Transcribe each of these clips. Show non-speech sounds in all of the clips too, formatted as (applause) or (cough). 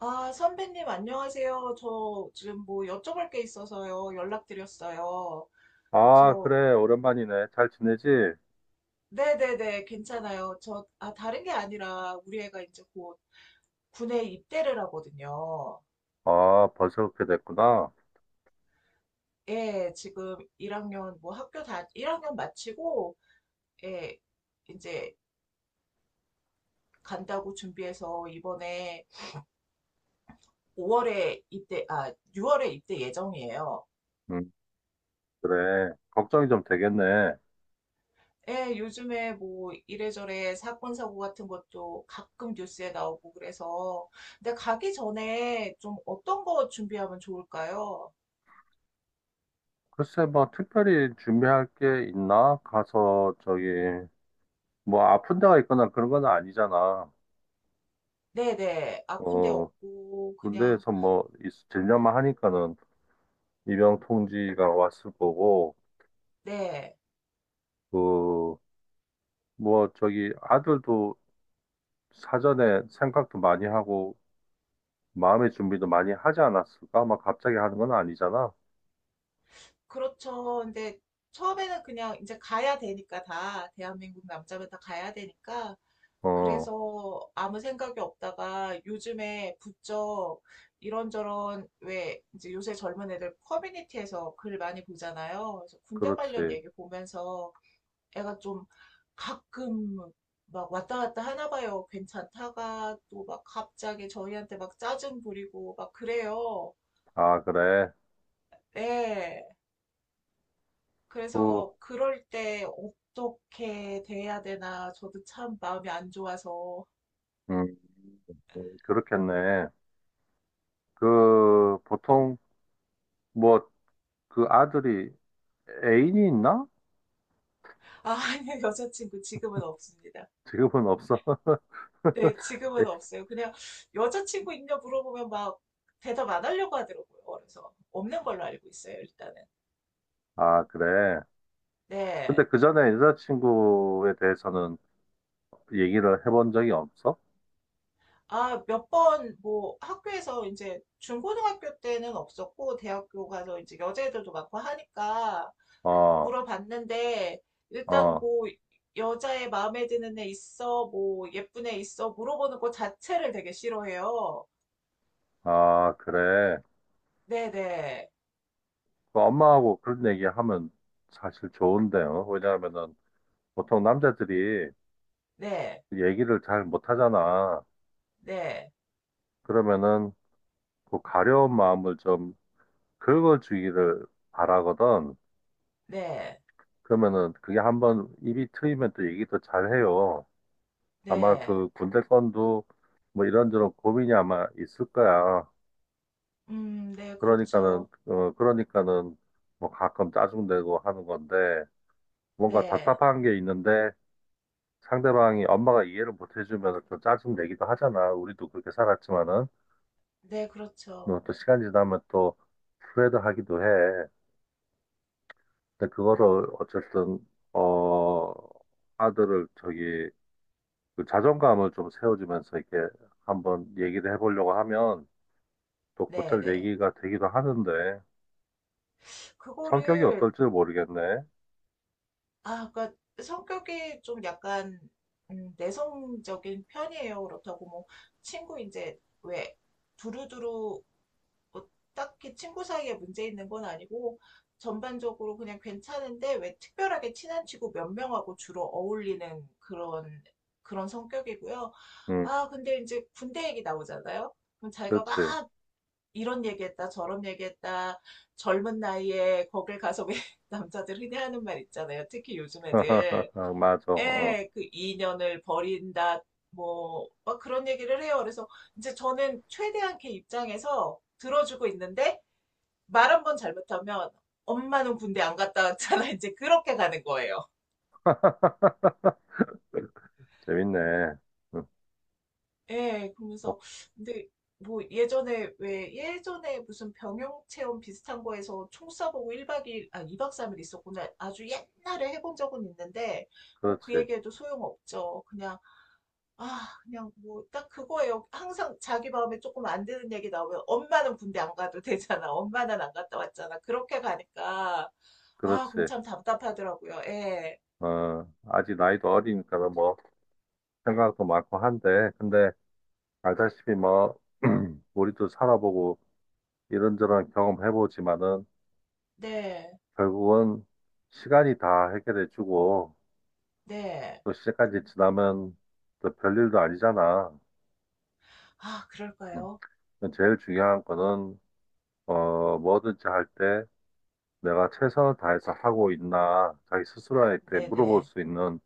아, 선배님, 안녕하세요. 저 지금 뭐 여쭤볼 게 있어서요. 연락드렸어요. 아, 저, 그래. 오랜만이네. 잘 지내지? 네네네, 괜찮아요. 저, 아, 다른 게 아니라 우리 애가 이제 곧 군에 입대를 하거든요. 아, 벌써 그렇게 됐구나. 예, 지금 1학년, 1학년 마치고, 예, 이제 간다고 준비해서 이번에 오월에 입대, 아, 6월에 입대 예정이에요. 음, 그래. 걱정이 좀 되겠네. 예, 요즘에 뭐 이래저래 사건 사고 같은 것도 가끔 뉴스에 나오고 그래서 근데 가기 전에 좀 어떤 거 준비하면 좋을까요? 글쎄, 뭐, 특별히 준비할 게 있나? 가서, 저기, 뭐, 아픈 데가 있거나 그런 건 아니잖아. 네네, 아픈 데 어, 없고 그냥. 군대에서 뭐, 들려만 하니까는 입영 통지가 왔을 거고, 네. 그, 뭐, 저기, 아들도 사전에 생각도 많이 하고, 마음의 준비도 많이 하지 않았을까? 막 갑자기 하는 건 아니잖아. 그렇죠. 근데 처음에는 그냥 이제 가야 되니까, 다 대한민국 남자면 다 가야 되니까, 어. 그래서 아무 생각이 없다가 요즘에 부쩍 이런저런, 왜, 이제 요새 젊은 애들 커뮤니티에서 글 많이 보잖아요. 그래서 군대 관련 그렇지. 얘기 보면서 애가 좀 가끔 막 왔다 갔다 하나 봐요. 괜찮다가 또 막 갑자기 저희한테 막 짜증 부리고 막 그래요. 아, 그래. 네. 그, 그래서 그럴 때 어떻게 대해야 되나, 저도 참 마음이 안 좋아서. 음, 그렇겠네. 그, 보통, 뭐, 그 아들이 애인이 있나? 아, (laughs) 아니요, 여자친구 지금은 없습니다. 지금은 없어. 네, 지금은 (laughs) 없어요. 그냥 여자친구 있냐 물어보면 막 대답 안 하려고 하더라고요. 그래서 없는 걸로 알고 있어요, 일단은. 아, 그래. 근데 네. 그 전에 여자친구에 대해서는 얘기를 해본 적이 없어? 아, 몇 번 뭐 학교에서, 이제 중고등학교 때는 없었고 대학교 가서 이제 여자애들도 많고 하니까 어, 물어봤는데, 일단 어, 뭐 여자애 마음에 드는 애 있어, 뭐 예쁜 애 있어 물어보는 거 자체를 되게 싫어해요. 아, 그래. 네네. 네. 그 엄마하고 그런 얘기 하면 사실 좋은데요. 왜냐하면은 보통 남자들이 네. 얘기를 잘 못하잖아. 네. 그러면은 그 가려운 마음을 좀 긁어주기를 바라거든. 네. 그러면은 그게 한번 입이 트이면 또 얘기도 잘 해요. 아마 네. 그 군대 건도 뭐 이런저런 고민이 아마 있을 거야. 네, 그러니까는, 그렇죠. 그러니까는 뭐 가끔 짜증내고 하는 건데 뭔가 네. 답답한 게 있는데 상대방이 엄마가 이해를 못 해주면 좀 짜증내기도 하잖아. 우리도 그렇게 살았지만은. 네, 그렇죠. 뭐또 시간 지나면 또 후회도 하기도 해. 근데 그거를 어쨌든, 어, 아들을 저기 그 자존감을 좀 세워주면서 이렇게 한번 얘기를 해보려고 하면 또 네, 곧잘 네. 얘기가 되기도 하는데 성격이 그거를. 어떨지 모르겠네. 아, 그니까 성격이 좀 약간, 내성적인 편이에요. 그렇다고 뭐 친구 이제, 왜, 두루두루 뭐 딱히 친구 사이에 문제 있는 건 아니고, 전반적으로 그냥 괜찮은데, 왜, 특별하게 친한 친구 몇 명하고 주로 어울리는, 그런 성격이고요. 응, 아, 근데 이제 군대 얘기 나오잖아요. 그럼 자기가 그렇지. 막 이런 얘기했다, 저런 얘기했다, 젊은 나이에 거길 가서, 왜, (laughs) 남자들 흔히 하는 말 있잖아요. 특히 요즘 애들. (laughs) 맞아. 어, 에, 그 인연을 버린다. 뭐, 막 그런 얘기를 해요. 그래서 이제 저는 최대한 걔 입장에서 들어주고 있는데 말 한번 잘못하면, 엄마는 군대 안 갔다 왔잖아. (laughs) 이제 그렇게 가는 거예요. 재밌네. 응, 예, 어, 그러면서, 근데, 뭐, 예전에, 왜, 예전에 무슨 병영 체험 비슷한 거에서 총 쏴보고 1박 2일, 아, 이박 3일 있었구나. 아주 옛날에 해본 적은 있는데, 뭐, 그 그렇지. 얘기해도 소용없죠. 그냥, 아, 그냥 뭐, 딱 그거예요. 항상 자기 마음에 조금 안 드는 얘기 나오면, 엄마는 군대 안 가도 되잖아, 엄마는 안 갔다 왔잖아, 그렇게 가니까. 아, 그럼 그렇지. 참 답답하더라고요. 예, 어, 아직 나이도 어리니까 뭐 생각도 많고 한데 근데 알다시피 뭐 (clears throat) 우리도 살아보고 이런저런 경험해보지만은 네, 결국은 시간이 다 해결해주고 네. 또 시간까 지나면 또 별일도 아니잖아. 아, 음. 그럴까요? 제일 중요한 거는 어 뭐든지 할 때 내가 최선을 다해서 하고 있나 자기 스스로한테 물어볼 네네. 수 있는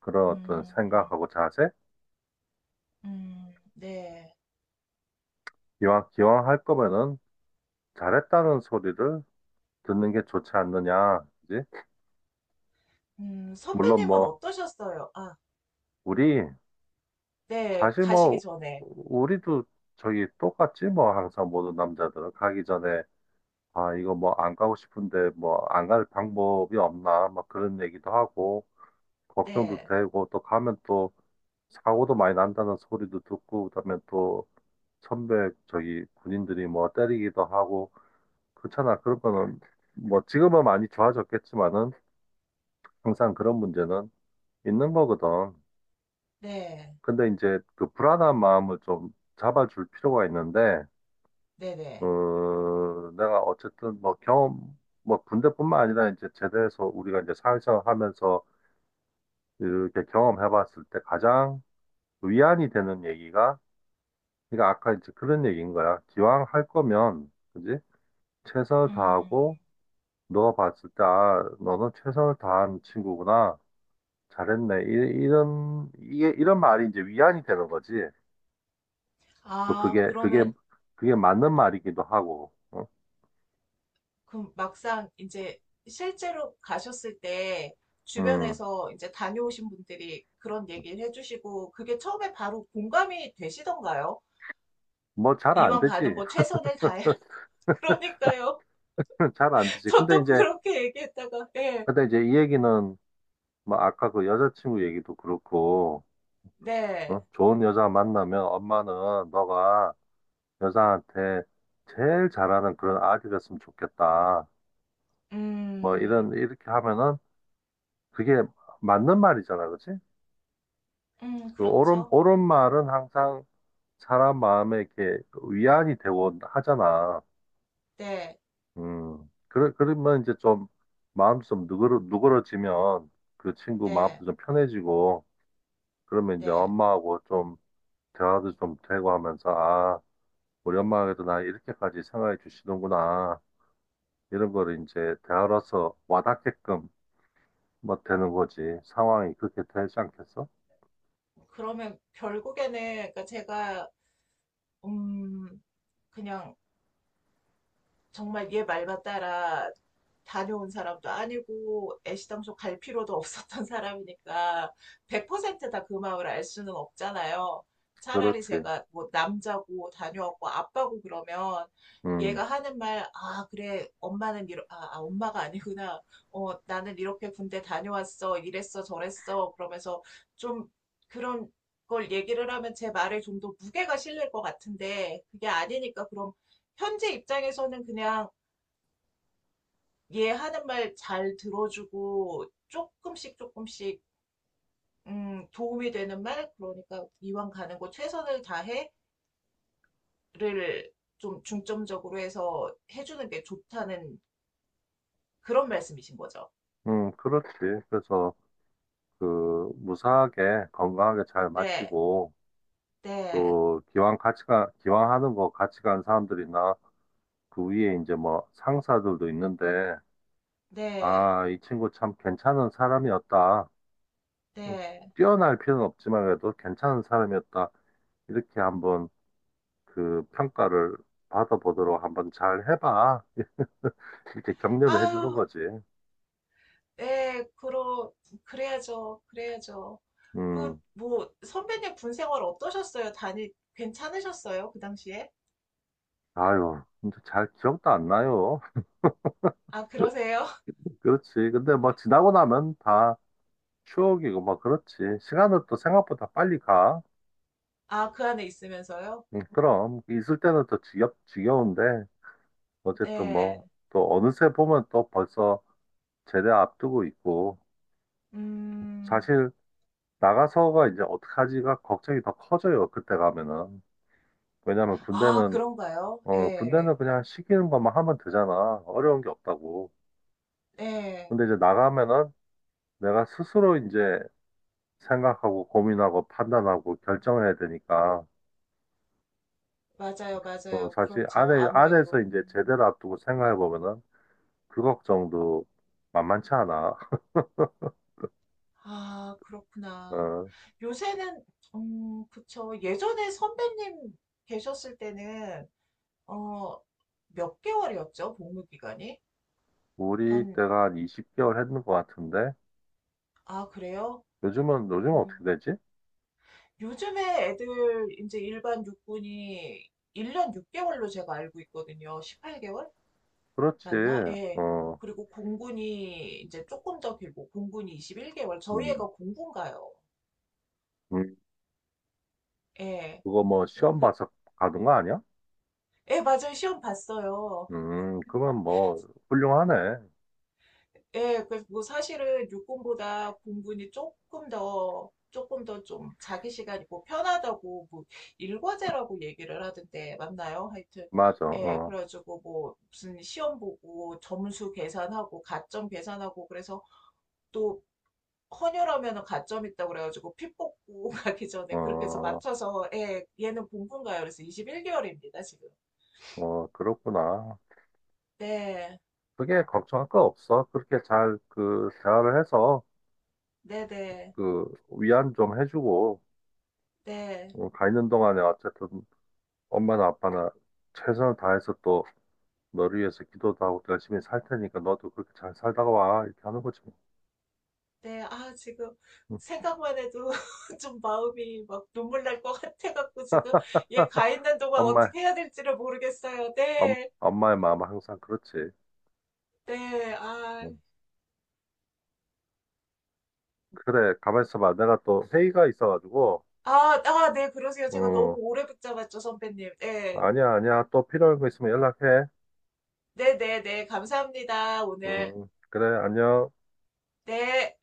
그런 어떤 음. 생각하고 자세? 네. 기왕 할 거면은 잘했다는 소리를 듣는 게 좋지 않느냐. 그지? 물론 선배님은 뭐 어떠셨어요? 아, 우리 네. 사실 가시기 뭐 전에. 우리도 저기 똑같지 뭐 항상 모든 남자들은 가기 전에 아, 이거 뭐 안 가고 싶은데 뭐 안 갈 방법이 없나 막 그런 얘기도 하고 걱정도 네. 되고 또 가면 또 사고도 많이 난다는 소리도 듣고 그다음에 또 선배 저기 군인들이 뭐 때리기도 하고 그렇잖아. 그런 거는 뭐 지금은 많이 좋아졌겠지만은 항상 그런 문제는 있는 거거든. 네. 근데 이제 그 불안한 마음을 좀 잡아줄 필요가 있는데 네네. 어, 내가 어쨌든 뭐 경험, 뭐 군대뿐만 아니라 이제 제대해서 우리가 이제 사회생활 하면서 이렇게 경험해 봤을 때 가장 위안이 되는 얘기가, 그러니까 아까 이제 그런 얘기인 거야. 기왕 할 거면, 그지? 최선을 음. 다하고, 너가 봤을 때, 아, 너는 최선을 다한 친구구나. 잘했네. 이런 말이 이제 위안이 되는 거지. 또 아, 그러면, 그게 맞는 말이기도 하고, 어? 그 막상 이제 실제로 가셨을 때 음, 주변에서 이제 다녀오신 분들이 그런 얘기를 해주시고, 그게 처음에 바로 공감이 되시던가요? 뭐 잘 안 이왕 가는 되지. 거 최선을 다해. (laughs) 그러니까요. (laughs) 잘 안 (laughs) 되지. 근데 저도 이제 그렇게 얘기했다가, 예. 이 얘기는 뭐 아까 그 여자친구 얘기도 그렇고 네. 어? 좋은 여자 만나면 엄마는 너가 여자한테 제일 잘하는 그런 아기 됐으면 좋겠다. 뭐 음. 이런 이렇게 하면은 그게 맞는 말이잖아, 그렇지? 그 옳은 그렇죠. 옳은 말은 항상 사람 마음에 이렇게 위안이 되고 하잖아. 네. 음. 그러면 이제 좀 마음 좀 누그러지면 그 친구 마음도 네, 좀 편해지고 그러면 이제 네. 엄마하고 좀 대화도 좀 되고 하면서, 아, 우리 엄마에게도 나 이렇게까지 생각해 주시는구나. 이런 거를 이제 대화로서 와닿게끔 뭐 되는 거지. 상황이 그렇게 되지 않겠어? 그러면 결국에는, 그러니까 제가, 음, 그냥 정말 얘 말만 따라, 다녀온 사람도 아니고 애시당초 갈 필요도 없었던 (laughs) 사람이니까, 100%다 그 마음을 알 수는 없잖아요. 차라리 그렇지. 제가 뭐 남자고 다녀왔고 아빠고 그러면 음, 얘가 하는 말, 아, 그래, 엄마는 이러, 아, 아, 엄마가 아니구나, 어, 나는 이렇게 군대 다녀왔어, 이랬어, 저랬어, 그러면서 좀 그런 걸 얘기를 하면 제 말에 좀 더 무게가 실릴 것 같은데, 그게 아니니까. 그런, 현재 입장에서는 그냥 얘 하는 말 잘 들어주고, 조금씩 조금씩, 도움이 되는 말, 그러니까 이왕 가는 곳 최선을 다해를 좀 중점적으로 해서 해주는 게 좋다는, 그런 말씀이신 거죠. 그렇지. 그래서 그 무사하게 건강하게 잘 네, 마치고 네, 또 기왕하는 거 같이 간 사람들이나 그 위에 이제 뭐 상사들도 있는데, 네, 아, 이 친구 참 괜찮은 사람이었다. 어, 네. 뛰어날 필요는 없지만 그래도 괜찮은 사람이었다. 이렇게 한번 그 평가를 받아보도록 한번 잘 해봐. 이렇게 격려를 아유, 해주는 거지. 네, 그래야죠, 그래야죠. 그, 음, 뭐, 선배님 군 생활 어떠셨어요? 괜찮으셨어요, 그 당시에? 아유, 진짜 잘 기억도 안 나요. 아, 그러세요? (laughs) (laughs) 그렇지. 근데 뭐 지나고 나면 다 추억이고 뭐 그렇지. 시간은 또 생각보다 빨리 가. 아, 그 안에 있으면서요? 그럼 있을 때는 또 지겨운데 어쨌든 예. 뭐 또 어느새 보면 또 벌써 제대 앞두고 있고 음. 사실 나가서가 이제 어떡하지가 걱정이 더 커져요. 그때 가면은. 왜냐면 아, 군대는, 그런가요? 어, 예. 군대는 그냥 시키는 것만 하면 되잖아. 어려운 게 없다고. 예. 근데 이제 나가면은 내가 스스로 이제 생각하고 고민하고 판단하고 결정해야 되니까, 맞아요, 어, 맞아요. 사실 그렇죠. 안에서 아무래도. 이제 음. 제대로 앞두고 생각해 보면은 그 걱정도 만만치 않아. 아, 그렇구나. 어, 요새는, 그쵸. 예전에 선배님 계셨을 때는, 어, 몇 개월이었죠, 복무 기간이? 우리 한, 때가 한 20개월 했는 것 같은데, 아, 그래요? 요즘은, 요즘 어떻게 음. 되지? 요즘에 애들, 이제 일반 육군이 1년 6개월로 제가 알고 있거든요. 18개월 그렇지. 맞나? 예. 어, 그리고 공군이 이제 조금 더 길고, 공군이 21개월. 저희 음. 애가 공군가요. 음. 예. 그거 뭐 시험 그, 봐서 가는 거 아니야? 예, 맞아요. 시험 봤어요. 그러면 뭐 훌륭하네. 예, 그래서 뭐 사실은 육군보다 공군이 조금 더 좀 자기 시간이 고 편하다고, 뭐 일과제라고 얘기를 하던데 맞나요? 하여튼 맞아. 예, 어, 그래가지고 뭐 무슨 시험 보고 점수 계산하고 가점 계산하고, 그래서 또 헌혈하면은 가점 있다고 그래가지고 피 뽑고 (laughs) 가기 전에 그렇게 해서 어, 맞춰서. 예, 얘는 본분가요? 그래서 21개월입니다, 지금. 어, 그렇구나. 네, 그게 걱정할 거 없어. 그렇게 잘 그 대화를 해서 네, 네, 그 위안 좀 해주고 네, 어, 가 있는 동안에 어쨌든 엄마나 아빠나 최선을 다해서 또 너를 위해서 기도도 하고 열심히 살 테니까 너도 그렇게 잘 살다가 와 이렇게 하는 거지. 뭐. 네. 아, 지금 응. 생각만 해도 (laughs) 좀 마음이 막 눈물 날 것 같아갖고, 지금 얘 (laughs) 가 있는 동안 엄마, 어떻게 해야 될지를 모르겠어요. 네, 엄마의 마음 은 항상 그렇지. 네. 아, 응. 그래, 가만 있어봐. 내가 또 회의가 있어가지고. 아, 아, 네, 그러세요. 제가 너무 음, 오래 붙잡았죠, 선배님. 네, 아니야, 아니야. 또 필요한 거 있으면 연락해. 네, 네, 네. 감사합니다, 오늘. 그래, 안녕. 네.